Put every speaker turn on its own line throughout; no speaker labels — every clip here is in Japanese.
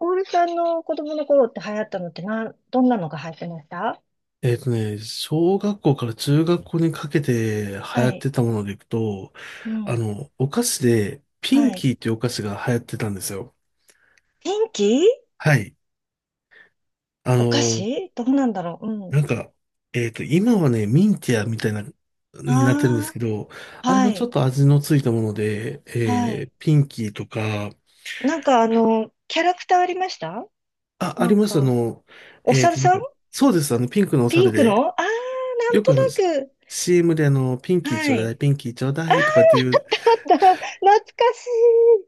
オールさんの子供の頃って流行ったのってどんなのが流行ってました？
小学校から中学校にかけて流
は
行っ
い。
てたものでいくと、
うん。
お菓子で、ピン
はい。
キーっていうお菓子が流行ってたんですよ。
天気。
はい。あ
お菓
の、
子どうなんだろう、うん。
なんか、今はね、ミンティアみたいな、になってるんです
あ
けど、
あ、
あれ
は
のちょっ
い。
と味のついたもので、
はい。
ピンキーとか、
なんかキャラクターありました？
あ、あ
な
り
ん
ました。
か、お
えっ
猿
と、なん
さ
か、
ん。
そうです。ピンクのお
ピ
猿
ンク
で、
の、ああー、なん
よく
となく。
CM で、ピンキーち
は
ょうだ
い。
い、ピンキーちょうだいとかっていう。
あった、懐かしい。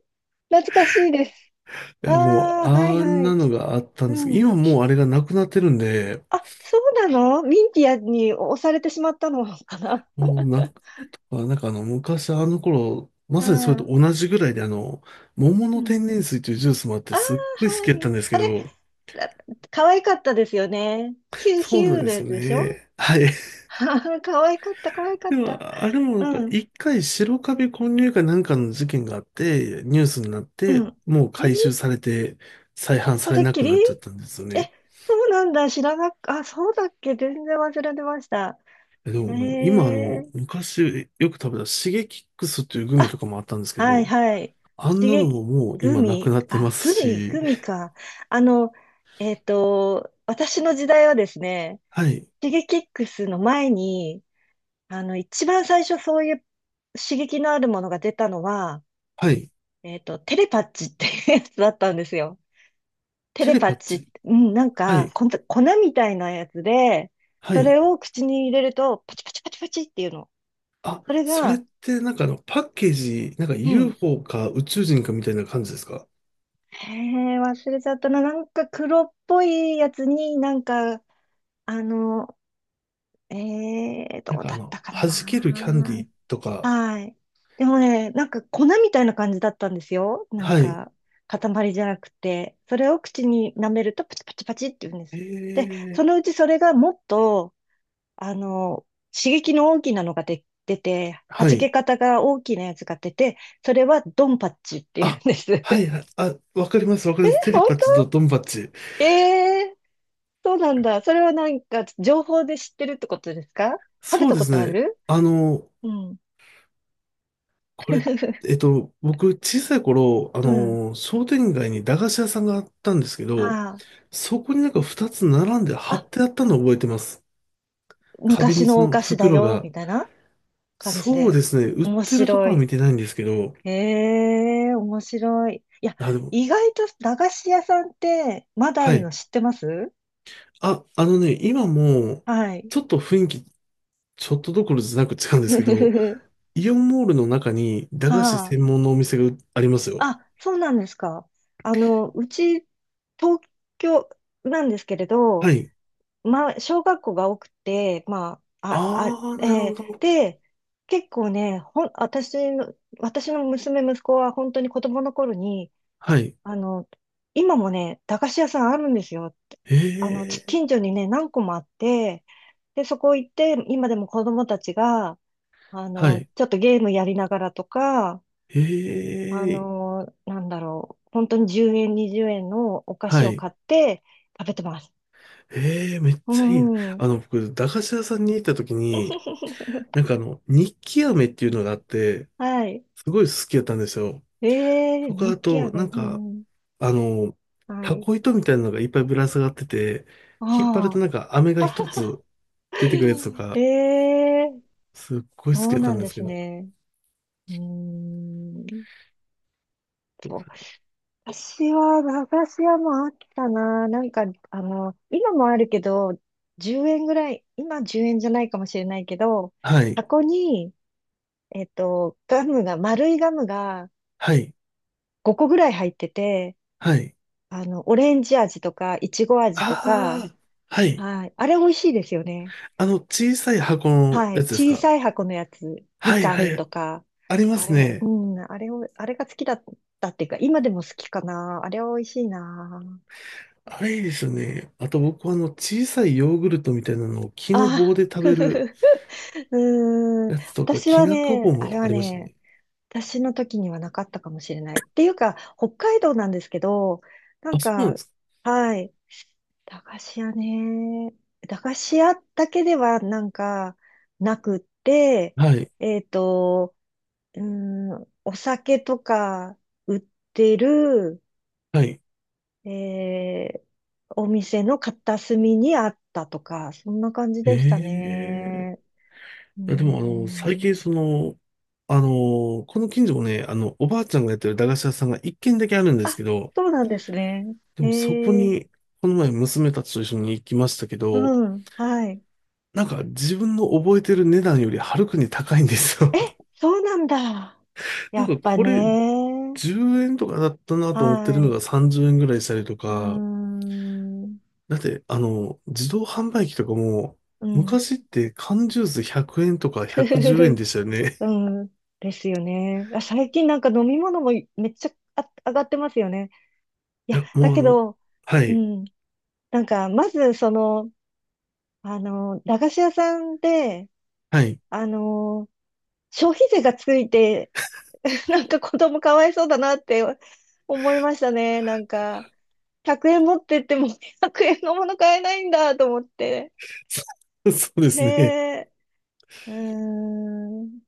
懐かしいです。
いや、
あ
もう、
あ、はい
あん
は
な
い。
のがあった
う
んですけど、
ん。
今もうあれがなくなってるんで、
あ、そうなの？ミンティアに押されてしまったのか
もうな、あなんかあの、昔あの頃、まさにそれと
な。
同じぐらいで、桃
う
の
ん。
天然水というジュースもあって、
ああ、
すっごい好
は
きやったん
い。
です
あ
け
れ、
ど、
あ、可愛かったですよね。ヒュー
そ
ヒ
うな
ュ
ん
ー
で
の
す
や
よ
つでしょ？
ね。はい。
可愛かった、可愛 か
で
っ
も、
た。
あれもなんか、
うん、
一回白カビ混入かなんかの事件があって、ニュースになっ
う
て、
ん。
もう
え
回収
ー、
されて、再販
そ
され
れっ
な
き
く
り？
なっちゃったんですよ
え、
ね。
そうなんだ。知らなか、あ、そうだっけ、全然忘れてました。
え、で
え
も、もう今あの、
ー、
昔よく食べたシゲキックスというグミ
あ、
とかもあったんですけ
はい、
ど、
はい。
あん
刺
なの
激、
ももう
グ
今なく
ミ、
なって
あ、
ます
グミ、
し、
グミか。あの、私の時代はですね、
はい、
シゲキックスの前に、あの、一番最初そういう刺激のあるものが出たのは、
はい、
テレパッチっていうやつだったんですよ。テ
テ
レ
レ
パ
パ
ッ
ッ
チっ
チ、
て、うん、なん
は
か、
い、
こん粉みたいなやつで、
は
そ
い。
れを口に入れると、パチパチパチパチっていうの。
あ、
それ
それっ
が、
てなんかパッケージ、なんか
うん。
UFO か宇宙人かみたいな感じですか？
へえ、忘れちゃったな。なんか黒っぽいやつになんか、あの、え
な
ど
ん
う
か
だったか
弾けるキャンデ
な。
ィーとか、
はい。でもね、なんか粉みたいな感じだったんですよ。なん
はい、
か、塊じゃなくて。それを口に舐めるとパチパチパチって言うんで
え
す。で、
ー、
そのうちそれがもっと、あの、刺激の大きなのが出て、弾
は
け
い、
方が大きなやつが出て、それはドンパッチって言うん
あ、
です。
はい、はい、あ、わかります、わかります。テレパッチ
本
とドンパッチ。
当？ええー、そうなんだ。それはなんか、情報で知ってるってことですか？食べ
そう
た
で
こ
す
とあ
ね。
る？
あの、
うん。
これ、えっ と、僕、小さい頃、
うん。
商店街に駄菓子屋さんがあったんですけ
は
ど、
い、
そこになんか2つ並んで
あ。
貼ってあったのを覚えてます。壁
昔
にそ
のお
の
菓子だ
袋
よ、
が。
みたいな感じ
そう
で。
ですね、売っ
面
てるとこ
白
ろは
い。
見てないんですけど、
ええ、面白い。いや、
あ、でも、
意外と駄菓子屋さんってまだあ
は
るの
い。
知ってます？
あ、今も、
はい。
ちょっと雰囲気、ちょっとどころじゃなく違うん です
ふ
け
ふふ
ど、
ふ。
イオンモールの中に駄菓子
ああ、
専門のお店がありますよ。
あ、そうなんですか。あの、うち、東京なんですけれど、
はい。
まあ、小学校が多くて、まあ、あ、あ、え
あー、なるほ
ー
ど。
で、結構ね、ほん、私の、私の娘、息子は本当に子供の頃に、
はい。
あの、今もね、駄菓子屋さんあるんですよ。
え
あの、
ー、
近所にね、何個もあって、で、そこ行って、今でも子供たちが、あ
は
の、
い。
ちょっとゲームやりながらとか、
え
あ
え、
の、なんだろう、本当に10円、20円のお菓
は
子を
い。
買って食べてます。
ええ、めっ
う
ちゃいいな。
んうん。
僕、駄菓子屋さんに行った時に、なんか日記飴っていうのがあって、
はい。
すごい好きだったんですよ。
ええー、
とか、
日
あ
記
と、なん
飴。う
か、
ん。
あの、
は
タ
い。
コ糸みたいなのがいっぱいぶら下がってて、引っ張ると
あ
なんか飴が一
あ。
つ出てくるやつと
え
か、
えー、
すっごい好
そ
き
う
だった
な
ん
ん
で
で
すけ
す
ど。
ね。うーん。そう、私は、駄菓子屋もあったな。なんか、あの、今もあるけど、10円ぐらい、今10円じゃないかもしれないけど、
はい、
箱に、えっと、ガムが、丸いガムが
はい、
5個ぐらい入ってて、
はい。
あの、オレンジ味とか、いちご味とか、
ああ、はい。
はい。あれ美味しいですよね。
小さい箱の
は
や
い。
つです
小
か？
さい箱のやつ、み
はい、
か
は
んと
い。
か、
ありま
あ
す
れ、う
ね。
ん、あれを、あれが好きだったっていうか、今でも好きかな。あれは美味しいな。
あれいいですよね。あと僕はあの小さいヨーグルトみたいなのを木の
あ
棒
あ。
で食べる
うーん、
やつとか、
私
き
は
なこ
ね、
棒
あれ
もあ
は
りました
ね、
ね。
私の時にはなかったかもしれない。っていうか、北海道なんですけど、なん
あ、そうなん
か、
です
はい、駄菓子屋ね、駄菓子屋だけではなんかなくって、
か。はい。
えっと、うーお酒とか売ってる、
はい。
えー、お店の片隅にあったとか、そんな感じでした
ええ、
ね。うー
いや、でも最
ん。
近その、この近所もね、おばあちゃんがやってる駄菓子屋さんが一軒だけあるんです
あ、
けど、
そうなんですね。
でもそこ
ええ、
に、この前娘たちと一緒に行きましたけど、
うん、はい。
なんか自分の覚えてる値段よりはるかに高いんです
え、
よ。
そうなんだ。
な
や
ん
っ
か
ぱ
これ
ね。
10円とかだったなと思って
は
るの
い。
が30円ぐらいしたりと
うー
か、
ん、うん。
だって、自動販売機とかも、昔って缶ジュース100円とか
ふふふ
110円
ふ。
でしたよね。
うん、ですよね。あ、最近なんか飲み物もめっちゃあ上がってますよね。い
い
や、
や、
だ
もうあ
け
の、
ど、
は
う
い、
ん、なんか、まず、その、あの、駄菓子屋さんで、
はい。
あの、消費税がついて なんか子供かわいそうだなって思いましたね。なんか、100円持ってっても 100円のもの買えないんだと思って。
そうで
ね
すね。
え、うーん、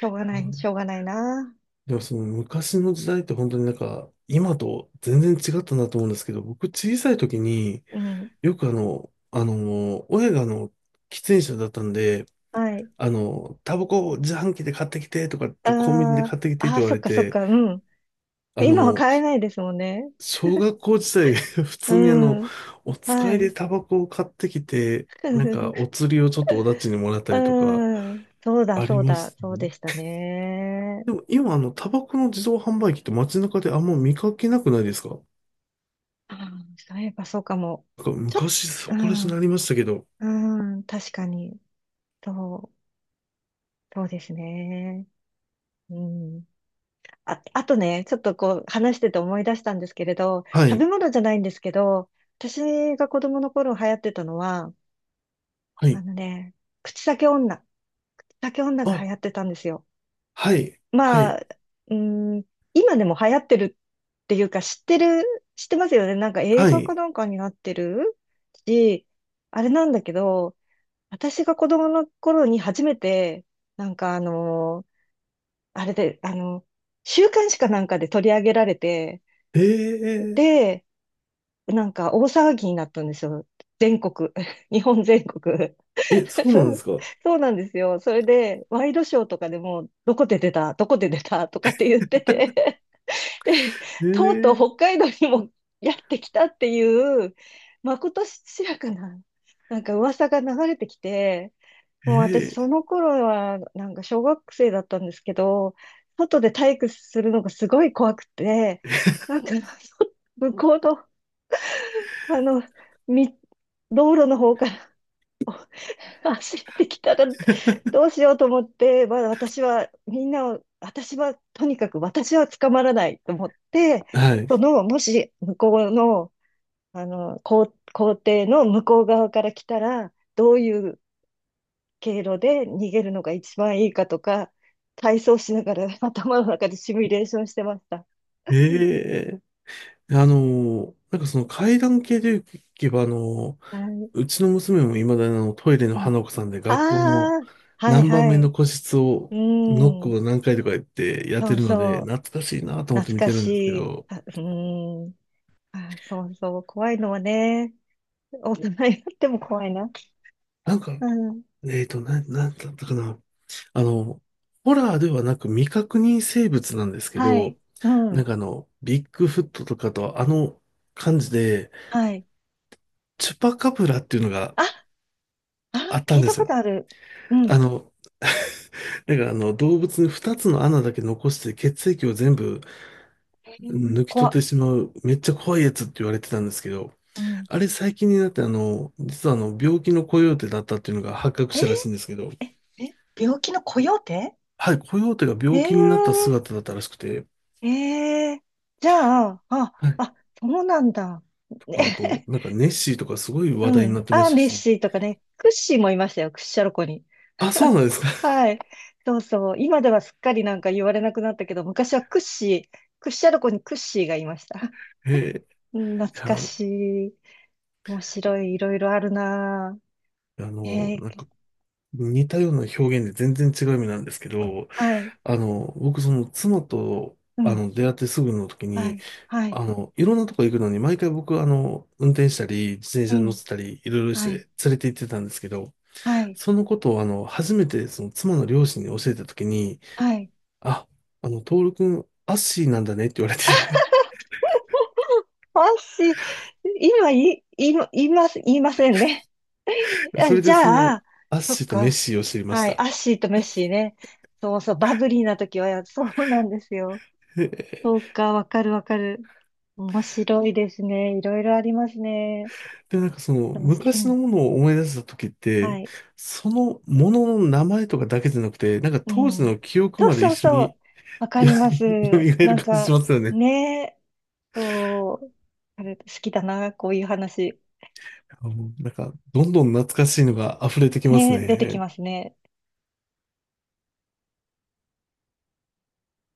しょうがない、しょうがないな。
でもその昔の時代って本当になんか今と全然違ったなと思うんですけど、僕小さい時に
うん、
よく親が喫煙者だったんで、
はい。
タバコ自販機で買ってきてとか、
あ
コンビニで
ー、
買ってきてって
あー、
言わ
そっ
れ
かそっ
て、
か、うん。
あ
今は
の、
買えないですもんね。
小学校時代、普通に
うん、
お
は
使いで
い。
タバコを買ってきて、なんか、お 釣りをちょっとおだちにもらったりとか、
うん、そうだ、
あり
そう
ま
だ、
した
そう
ね。
でしたね。
でも今、タバコの自動販売機って街中であんま見かけなくないですか？な
ああ、そういえばそうかも。
んか
ちょっと、
昔そ
う
こら辺に
ん、
なりましたけど。
うん、確かに。そう、そうですね。うん。あ、あとね、ちょっとこう話してて思い出したんですけれど、
は
食
い、
べ物じゃないんですけど、私が子供の頃流行ってたのは、
は
あ
い。
のね、口裂け女。口裂け女が
あ、
流行ってたんですよ。
はい、は
ま
い、
あ、うん、今でも流行ってるっていうか、知ってますよね。なんか映
は
画か
い。
なんかになってるし、あれなんだけど、私が子供の頃に初めて、なんかあのあれで、あの、週刊誌かなんかで取り上げられて、
えー、
で、なんか大騒ぎになったんですよ。全国、日本全国。
え、そうなん
そ
です
う、
か？
そうなんですよ。それで、ワイドショーとかでも、どこで出た、どこで出たとかって言ってて、で、
え
とうとう
ー、
北海道にもやってきたっていう、まことしやかな、なんか噂が流れてきて、もう私、そ
え
の頃は、なんか小学生だったんですけど、外で体育するのがすごい怖くて、なんか、向こうの、あの、み、道路の方から お走ってきたら、
ー
どうしようと思って、まだ私は、みんなを、私は、とにかく私は捕まらないと思って、
は
そ
い。
の、もし、向こうの、校庭の向こう側から来たら、どういう経路で逃げるのが一番いいかとか、体操しながら 頭の中でシミュレーションしてました。
ええ、あの、なんかその階段系で言えば、
はい。
うちの娘も未だにあのトイレの花子さんで
あ
学校の
あー、はい
何番
は
目の
い。
個室
う
をノック
ん。
を何回とか言ってやって
そう
るの
そ
で、
う。
懐かしいなと思って
懐
見
か
てる
し
んですけ
い。
ど、
あ、うん。あ、そうそう。怖いのはね、大人になっても怖いな。
なんか、
うん。
なんだったかな。あの、ホラーではなく未確認生物なんですけ
は
ど、
い。う
なん
ん。
かビッグフットとかと感じで、
はい。
チュパカブラっていうのが
あ、あ、
あった
聞
ん
い
で
た
す
こ
よ。
とある。うん。
あの、だからあの動物に2つの穴だけ残して血液を全部
えー、
抜き取
怖
っ
っ。
てしまうめっちゃ怖いやつって言われてたんですけど、
うん。
あれ最近になって実はあの病気のコヨーテだったっていうのが発覚
え
し
ー、
たらしいんですけど、
え、え、病気のコヨーテ？
はい、コヨーテが
え
病気になった
ー、
姿だったらしくて、
ええ、じゃあ、あ、
はい、
あ、そうなんだ。
とかあと、
ね、
なんか ネッシーとかすごい話
う
題にな
ん。
ってま
あ、
した
ネッ
し、
シーとかね、クッシーもいましたよ、クッシャロコに。
あ、そう なんですか。
はい。そうそう。今ではすっかりなんか言われなくなったけど、昔はクッシー、クッシャロコにクッシーがいました。
えー、い
うん、懐か
や、
しい。面白い、いろいろあるな
あ
ぁ。
の、
え
なん
ー、
か似たような表現で全然違う意味なんですけど、
はい。
僕その妻と
うん。
出会ってすぐの時
は
に、
い。はい。
いろんなとこ行くのに、毎回僕、運転したり、自転
う
車に乗っ
ん。
てたり、いろいろし
は
て
い。
連れて行ってたんですけど、
はい。
そのことを、初めて、その、妻の両親に教えたときに、
はい。
あ、トール君、アッシーなんだねって言われて
私、今、言います、言いませんね。あ、
それ
じ
で、そ
ゃ
の、
あ、
アッ
そっ
シーとメッ
か。
シーを知りまし
はい、
た。
アッシーとメッシーね。そうそう、バブリーな時は、そうなんですよ。
へえ。
そうか、わかるわかる。面白いですね。いろいろありますね。
で、なんかその、
楽しい。う
昔の
ん。
ものを思い出したときっ
は
て、
い。
そのものの名前とかだけじゃなくて、なんか
う
当時
ん。
の記憶
そう
まで
そう
一緒
そう。
に
わか
よ
ります。
蘇る
なん
感じし
か、
ますよね。
ねえ、そう、あれ好きだな、こういう話。
あ、もうなんか、どんどん懐かしいのが溢れてきます
ねえ、出てき
ね。
ますね。